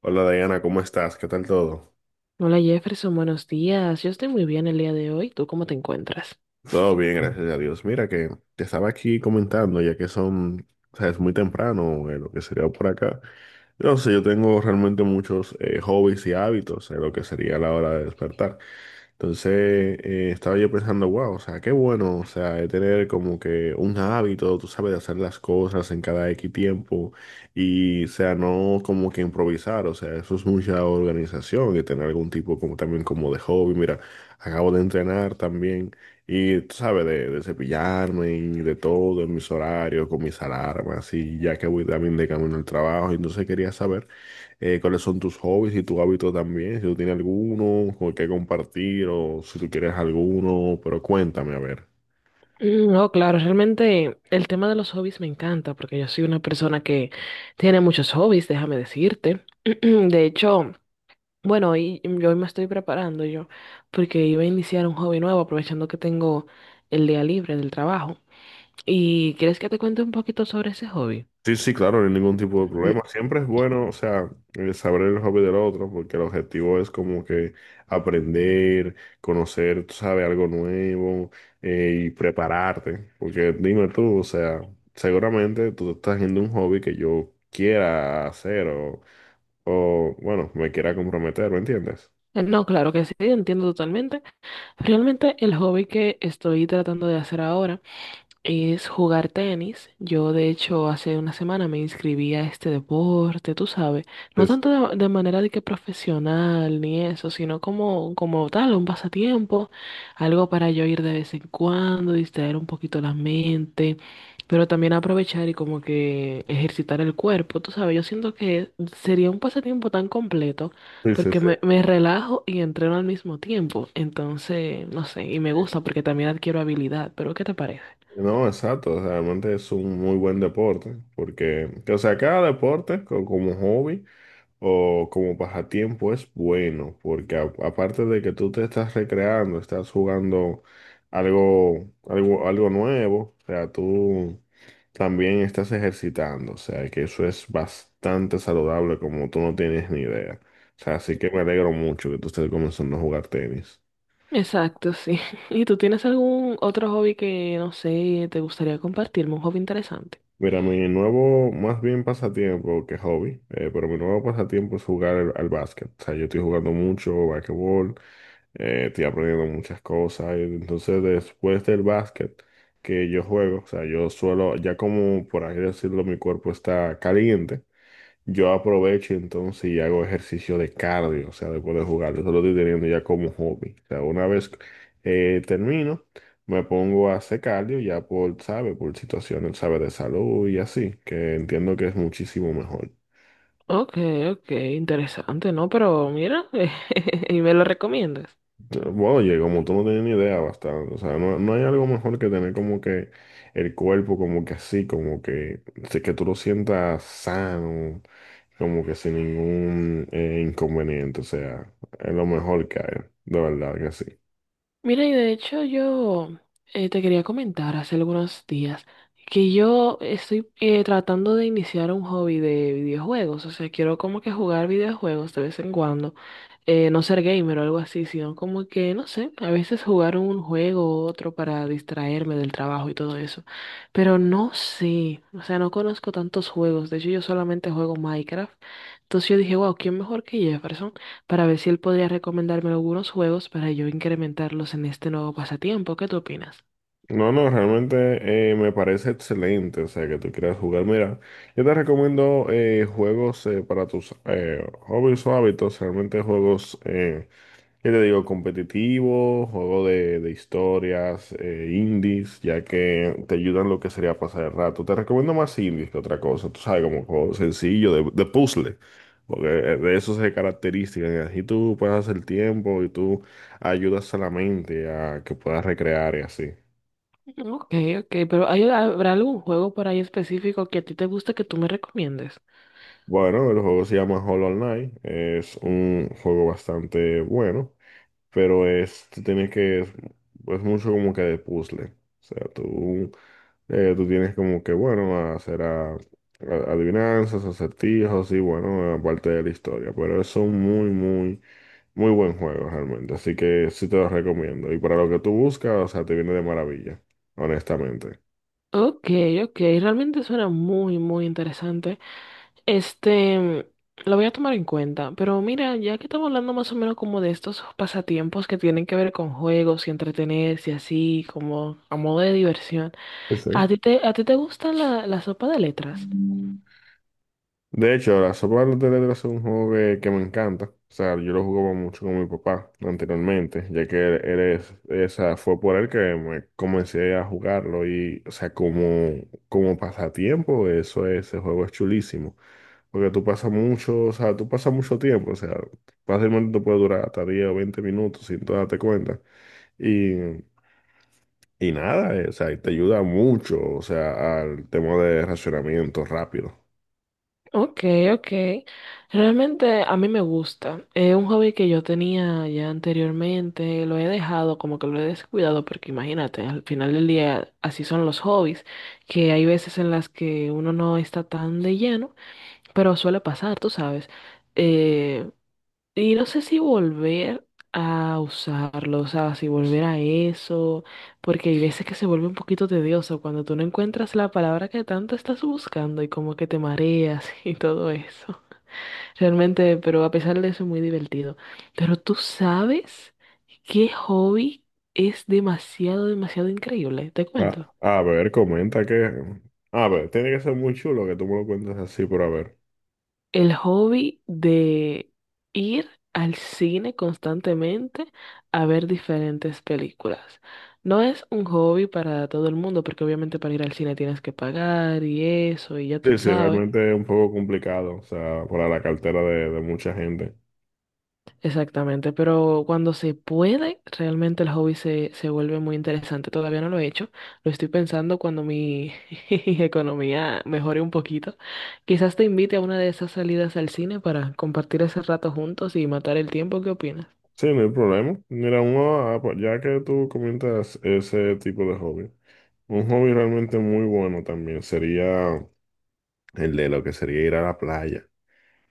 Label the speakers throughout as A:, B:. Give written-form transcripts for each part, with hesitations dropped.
A: Hola Diana, ¿cómo estás? ¿Qué tal todo?
B: Hola Jefferson, buenos días. Yo estoy muy bien el día de hoy. ¿Tú cómo te encuentras?
A: Todo bien, gracias a Dios. Mira que te estaba aquí comentando, ya que son, o sea, es muy temprano, lo que sería por acá. Entonces, yo tengo realmente muchos hobbies y hábitos, en lo que sería la hora de despertar. Entonces, estaba yo pensando, wow, o sea, qué bueno, o sea, de tener como que un hábito, tú sabes, de hacer las cosas en cada X tiempo y, o sea, no como que improvisar, o sea, eso es mucha organización y tener algún tipo como también como de hobby. Mira, acabo de entrenar también y tú sabes, de cepillarme y de todo, en mis horarios, con mis alarmas, y ya que voy también de camino al trabajo. Entonces quería saber cuáles son tus hobbies y tus hábitos también, si tú tienes alguno con que compartir o si tú quieres alguno, pero cuéntame, a ver.
B: Mm, no, claro, realmente el tema de los hobbies me encanta porque yo soy una persona que tiene muchos hobbies, déjame decirte. De hecho, bueno, hoy, yo hoy me estoy preparando yo porque iba a iniciar un hobby nuevo aprovechando que tengo el día libre del trabajo. ¿Y quieres que te cuente un poquito sobre ese hobby?
A: Sí, sí, claro, no hay ningún tipo de
B: Mm,
A: problema. Siempre es bueno, o sea, saber el hobby del otro, porque el objetivo es como que aprender, conocer, tú sabes, algo nuevo y prepararte. Porque dime tú, o sea, seguramente tú estás haciendo un hobby que yo quiera hacer o bueno, me quiera comprometer, ¿me entiendes?
B: no, claro que sí, entiendo totalmente. Realmente el hobby que estoy tratando de hacer ahora es jugar tenis. Yo, de hecho, hace una semana me inscribí a este deporte, tú sabes, no
A: Sí, sí,
B: tanto de manera de que profesional ni eso, sino como, como tal, un pasatiempo, algo para yo ir de vez en cuando, distraer un poquito la mente, pero también aprovechar y como que ejercitar el cuerpo, tú sabes, yo siento que sería un pasatiempo tan completo
A: sí, sí,
B: porque
A: sí.
B: me relajo y entreno al mismo tiempo, entonces, no sé, y me gusta porque también adquiero habilidad, pero ¿qué te parece?
A: No, exacto, o sea, realmente es un muy buen deporte, porque, o sea, cada deporte como hobby. O como pasatiempo es bueno, porque aparte de que tú te estás recreando, estás jugando algo nuevo, o sea, tú también estás ejercitando, o sea, que eso es bastante saludable como tú no tienes ni idea. O sea, así que me alegro mucho que tú estés comenzando a jugar tenis.
B: Exacto, sí. ¿Y tú tienes algún otro hobby que, no sé, te gustaría compartirme? Un hobby interesante.
A: Mira, mi nuevo, más bien pasatiempo que hobby, pero mi nuevo pasatiempo es jugar al básquet. O sea, yo estoy jugando mucho basquetbol estoy aprendiendo muchas cosas. Entonces, después del básquet que yo juego, o sea, yo suelo, ya como por así decirlo, mi cuerpo está caliente, yo aprovecho entonces y hago ejercicio de cardio, o sea, después de jugar, eso lo estoy teniendo ya como hobby. O sea, una vez termino, me pongo a hacer cardio ya por, sabe, por situaciones, sabe, de salud y así, que entiendo que es muchísimo mejor.
B: Ok, ok, interesante, ¿no? Pero mira, ¿y me lo recomiendas?
A: Bueno, oye, como tú no tienes ni idea, bastante. O sea, no, no hay algo mejor que tener como que el cuerpo como que así, como que, sí, que tú lo sientas sano, como que sin ningún inconveniente. O sea, es lo mejor que hay, de verdad que sí.
B: Mira, y de hecho yo te quería comentar hace algunos días que yo estoy tratando de iniciar un hobby de videojuegos, o sea, quiero como que jugar videojuegos de vez en cuando, no ser gamer o algo así, sino como que, no sé, a veces jugar un juego u otro para distraerme del trabajo y todo eso, pero no sé, o sea, no conozco tantos juegos, de hecho yo solamente juego Minecraft, entonces yo dije, wow, ¿quién mejor que Jefferson para ver si él podría recomendarme algunos juegos para yo incrementarlos en este nuevo pasatiempo? ¿Qué tú opinas?
A: No, no, realmente me parece excelente, o sea, que tú quieras jugar. Mira, yo te recomiendo juegos para tus hobbies o hábitos, realmente juegos. ¿Qué te digo? Competitivo, juego de historias, indies, ya que te ayudan lo que sería a pasar el rato. Te recomiendo más indies que otra cosa, tú sabes, como juego sencillo de puzzle, porque de eso se caracterizan. Y así tú pasas el tiempo y tú ayudas a la mente a que puedas recrear y así.
B: Mm, ok, ok, pero ¿habrá algún juego por ahí específico que a ti te guste que tú me recomiendes?
A: Bueno, el juego se llama Hollow Knight, es un juego bastante bueno, pero es, tú tienes que, es mucho como que de puzzle. O sea, tú tienes como que, bueno, hacer adivinanzas, acertijos y, bueno, aparte de la historia. Pero es un muy, muy, muy buen juego realmente. Así que sí te lo recomiendo. Y para lo que tú buscas, o sea, te viene de maravilla, honestamente.
B: Ok, ok, realmente suena muy, muy interesante. Este, mm, lo voy a tomar en cuenta, pero mira, ya que estamos hablando más o menos como de estos pasatiempos que tienen que ver con juegos y entretenerse y así, como a modo de diversión,
A: Pues sí.
B: ¿a ti te gusta la sopa de letras?
A: De hecho, la sopa de letras es un juego que me encanta. O sea, yo lo jugaba mucho con mi papá anteriormente, ya que él es, esa fue por él que me comencé a jugarlo y, o sea, como, como pasatiempo, eso ese juego es chulísimo. Porque tú pasas mucho, o sea, tú pasas mucho tiempo, o sea, fácilmente te puede durar hasta 10 o 20 minutos sin tú darte cuenta. Y, y nada, o sea, y te ayuda mucho, o sea, al tema de racionamiento rápido.
B: Ok, ok. Realmente a mí me gusta. Es un hobby que yo tenía ya anteriormente, lo he dejado, como que lo he descuidado, porque imagínate, al final del día así son los hobbies, que hay veces en las que uno no está tan de lleno, pero suele pasar, tú sabes. Eh, y no sé si volver a usarlo, o sea, si volver a eso, porque hay veces que se vuelve un poquito tedioso cuando tú no encuentras la palabra que tanto estás buscando y como que te mareas y todo eso. Realmente, pero a pesar de eso, es muy divertido. Pero tú sabes qué hobby es demasiado, demasiado increíble, te
A: A,
B: cuento.
A: a ver, comenta que... A ver, tiene que ser muy chulo que tú me lo cuentes así, pero a ver.
B: El hobby de ir al cine constantemente a ver diferentes películas. No es un hobby para todo el mundo, porque obviamente para ir al cine tienes que pagar y eso, y ya tú
A: Sí, sí,
B: sabes.
A: realmente es un poco complicado, o sea, para la cartera de mucha gente.
B: Exactamente, pero cuando se puede, realmente el hobby se vuelve muy interesante. Todavía no lo he hecho, lo estoy pensando cuando mi economía mejore un poquito. Quizás te invite a una de esas salidas al cine para compartir ese rato juntos y matar el tiempo. ¿Qué opinas?
A: Sí, no hay problema. Mira, uno, ah, pues, ya que tú comentas ese tipo de hobby. Un hobby realmente muy bueno también sería el de lo que sería ir a la playa.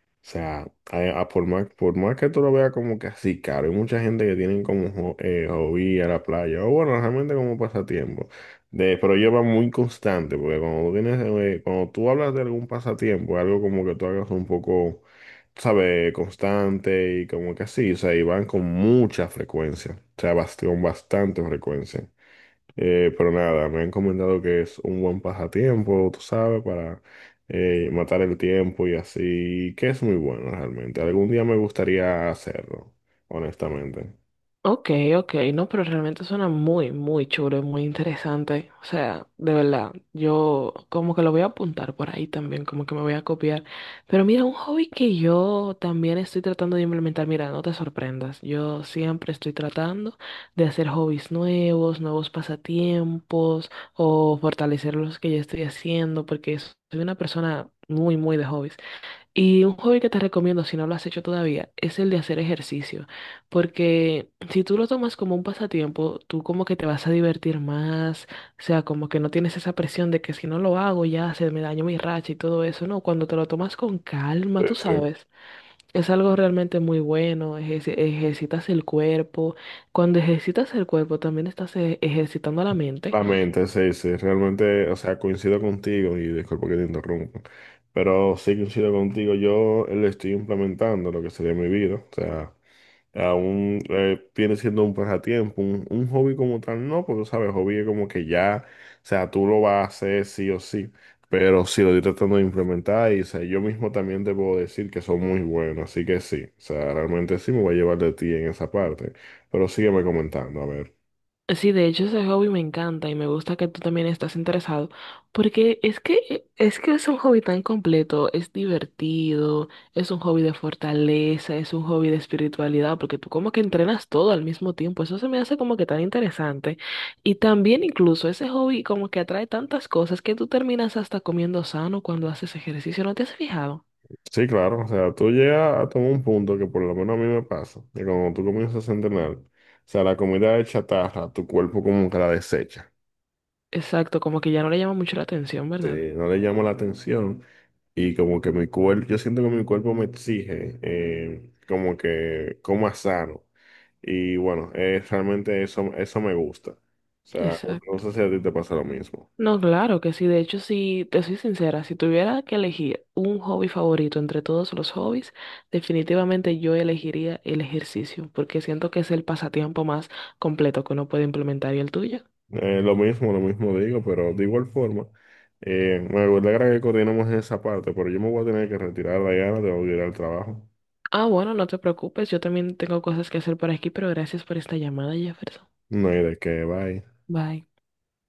A: O sea, a por más que tú lo veas como que así caro, hay mucha gente que tienen como hobby ir a la playa, o bueno, realmente como pasatiempo. Pero lleva muy constante, porque cuando tú hablas de algún pasatiempo, algo como que tú hagas un poco, ¿sabes? Constante y como que así, o sea, y van con mucha frecuencia, o sea, con bastante frecuencia. Pero nada, me han comentado que es un buen pasatiempo, tú sabes, para matar el tiempo y así, que es muy bueno realmente. Algún día me gustaría hacerlo, honestamente.
B: Ok, ok, no, pero realmente suena muy, muy chulo y muy interesante. O sea, de verdad, yo como que lo voy a apuntar por ahí también, como que me voy a copiar. Pero mira, un hobby que yo también estoy tratando de implementar, mira, no te sorprendas, yo siempre estoy tratando de hacer hobbies nuevos, nuevos pasatiempos o fortalecer los que ya estoy haciendo, porque soy una persona muy, muy de hobbies. Y un hobby que te recomiendo, si no lo has hecho todavía, es el de hacer ejercicio. Porque si tú lo tomas como un pasatiempo, tú como que te vas a divertir más. O sea, como que no tienes esa presión de que si no lo hago ya se me dañó mi racha y todo eso. No, cuando te lo tomas con calma,
A: Sí,
B: tú
A: sí.
B: sabes. Es algo realmente muy bueno. Ejerci- ejercitas el cuerpo. Cuando ejercitas el cuerpo, también estás ejercitando la mente.
A: La mente, sí, sí, realmente, o sea, coincido contigo y disculpa que te interrumpa, pero sí coincido contigo, yo lo estoy implementando lo que sería mi vida, o sea. Aún viene siendo un pasatiempo, un hobby como tal, no, porque sabes, hobby es como que ya, o sea, tú lo vas a hacer sí o sí, pero sí lo estoy tratando de implementar y, o sea, yo mismo también te puedo decir que son muy buenos, así que sí, o sea, realmente sí me voy a llevar de ti en esa parte, pero sígueme comentando, a ver.
B: Sí, de hecho ese hobby me encanta y me gusta que tú también estás interesado, porque es que es un hobby tan completo, es divertido, es un hobby de fortaleza, es un hobby de espiritualidad, porque tú como que entrenas todo al mismo tiempo, eso se me hace como que tan interesante. Y también incluso ese hobby como que atrae tantas cosas que tú terminas hasta comiendo sano cuando haces ejercicio, ¿no te has fijado?
A: Sí, claro, o sea, tú llegas a tomar un punto que por lo menos a mí me pasa, que cuando tú comienzas a entrenar, o sea, la comida de chatarra, tu cuerpo como que la desecha,
B: Exacto, como que ya no le llama mucho la atención, ¿verdad?
A: te, no le llama la atención. Y como que mi cuerpo, yo siento que mi cuerpo me exige como que coma sano. Y bueno, realmente eso me gusta. O sea, no
B: Exacto.
A: sé si a ti te pasa lo mismo.
B: No, claro que sí. De hecho, si te soy sincera, si tuviera que elegir un hobby favorito entre todos los hobbies, definitivamente yo elegiría el ejercicio, porque siento que es el pasatiempo más completo que uno puede implementar y el tuyo.
A: Lo mismo, lo mismo digo, pero de igual forma, me alegra que coordinamos en esa parte, pero yo me voy a tener que retirar, Diana, tengo que ir al trabajo.
B: Ah, bueno, no te preocupes, yo también tengo cosas que hacer por aquí, pero gracias por esta llamada, Jefferson.
A: No hay de qué, bye.
B: Bye.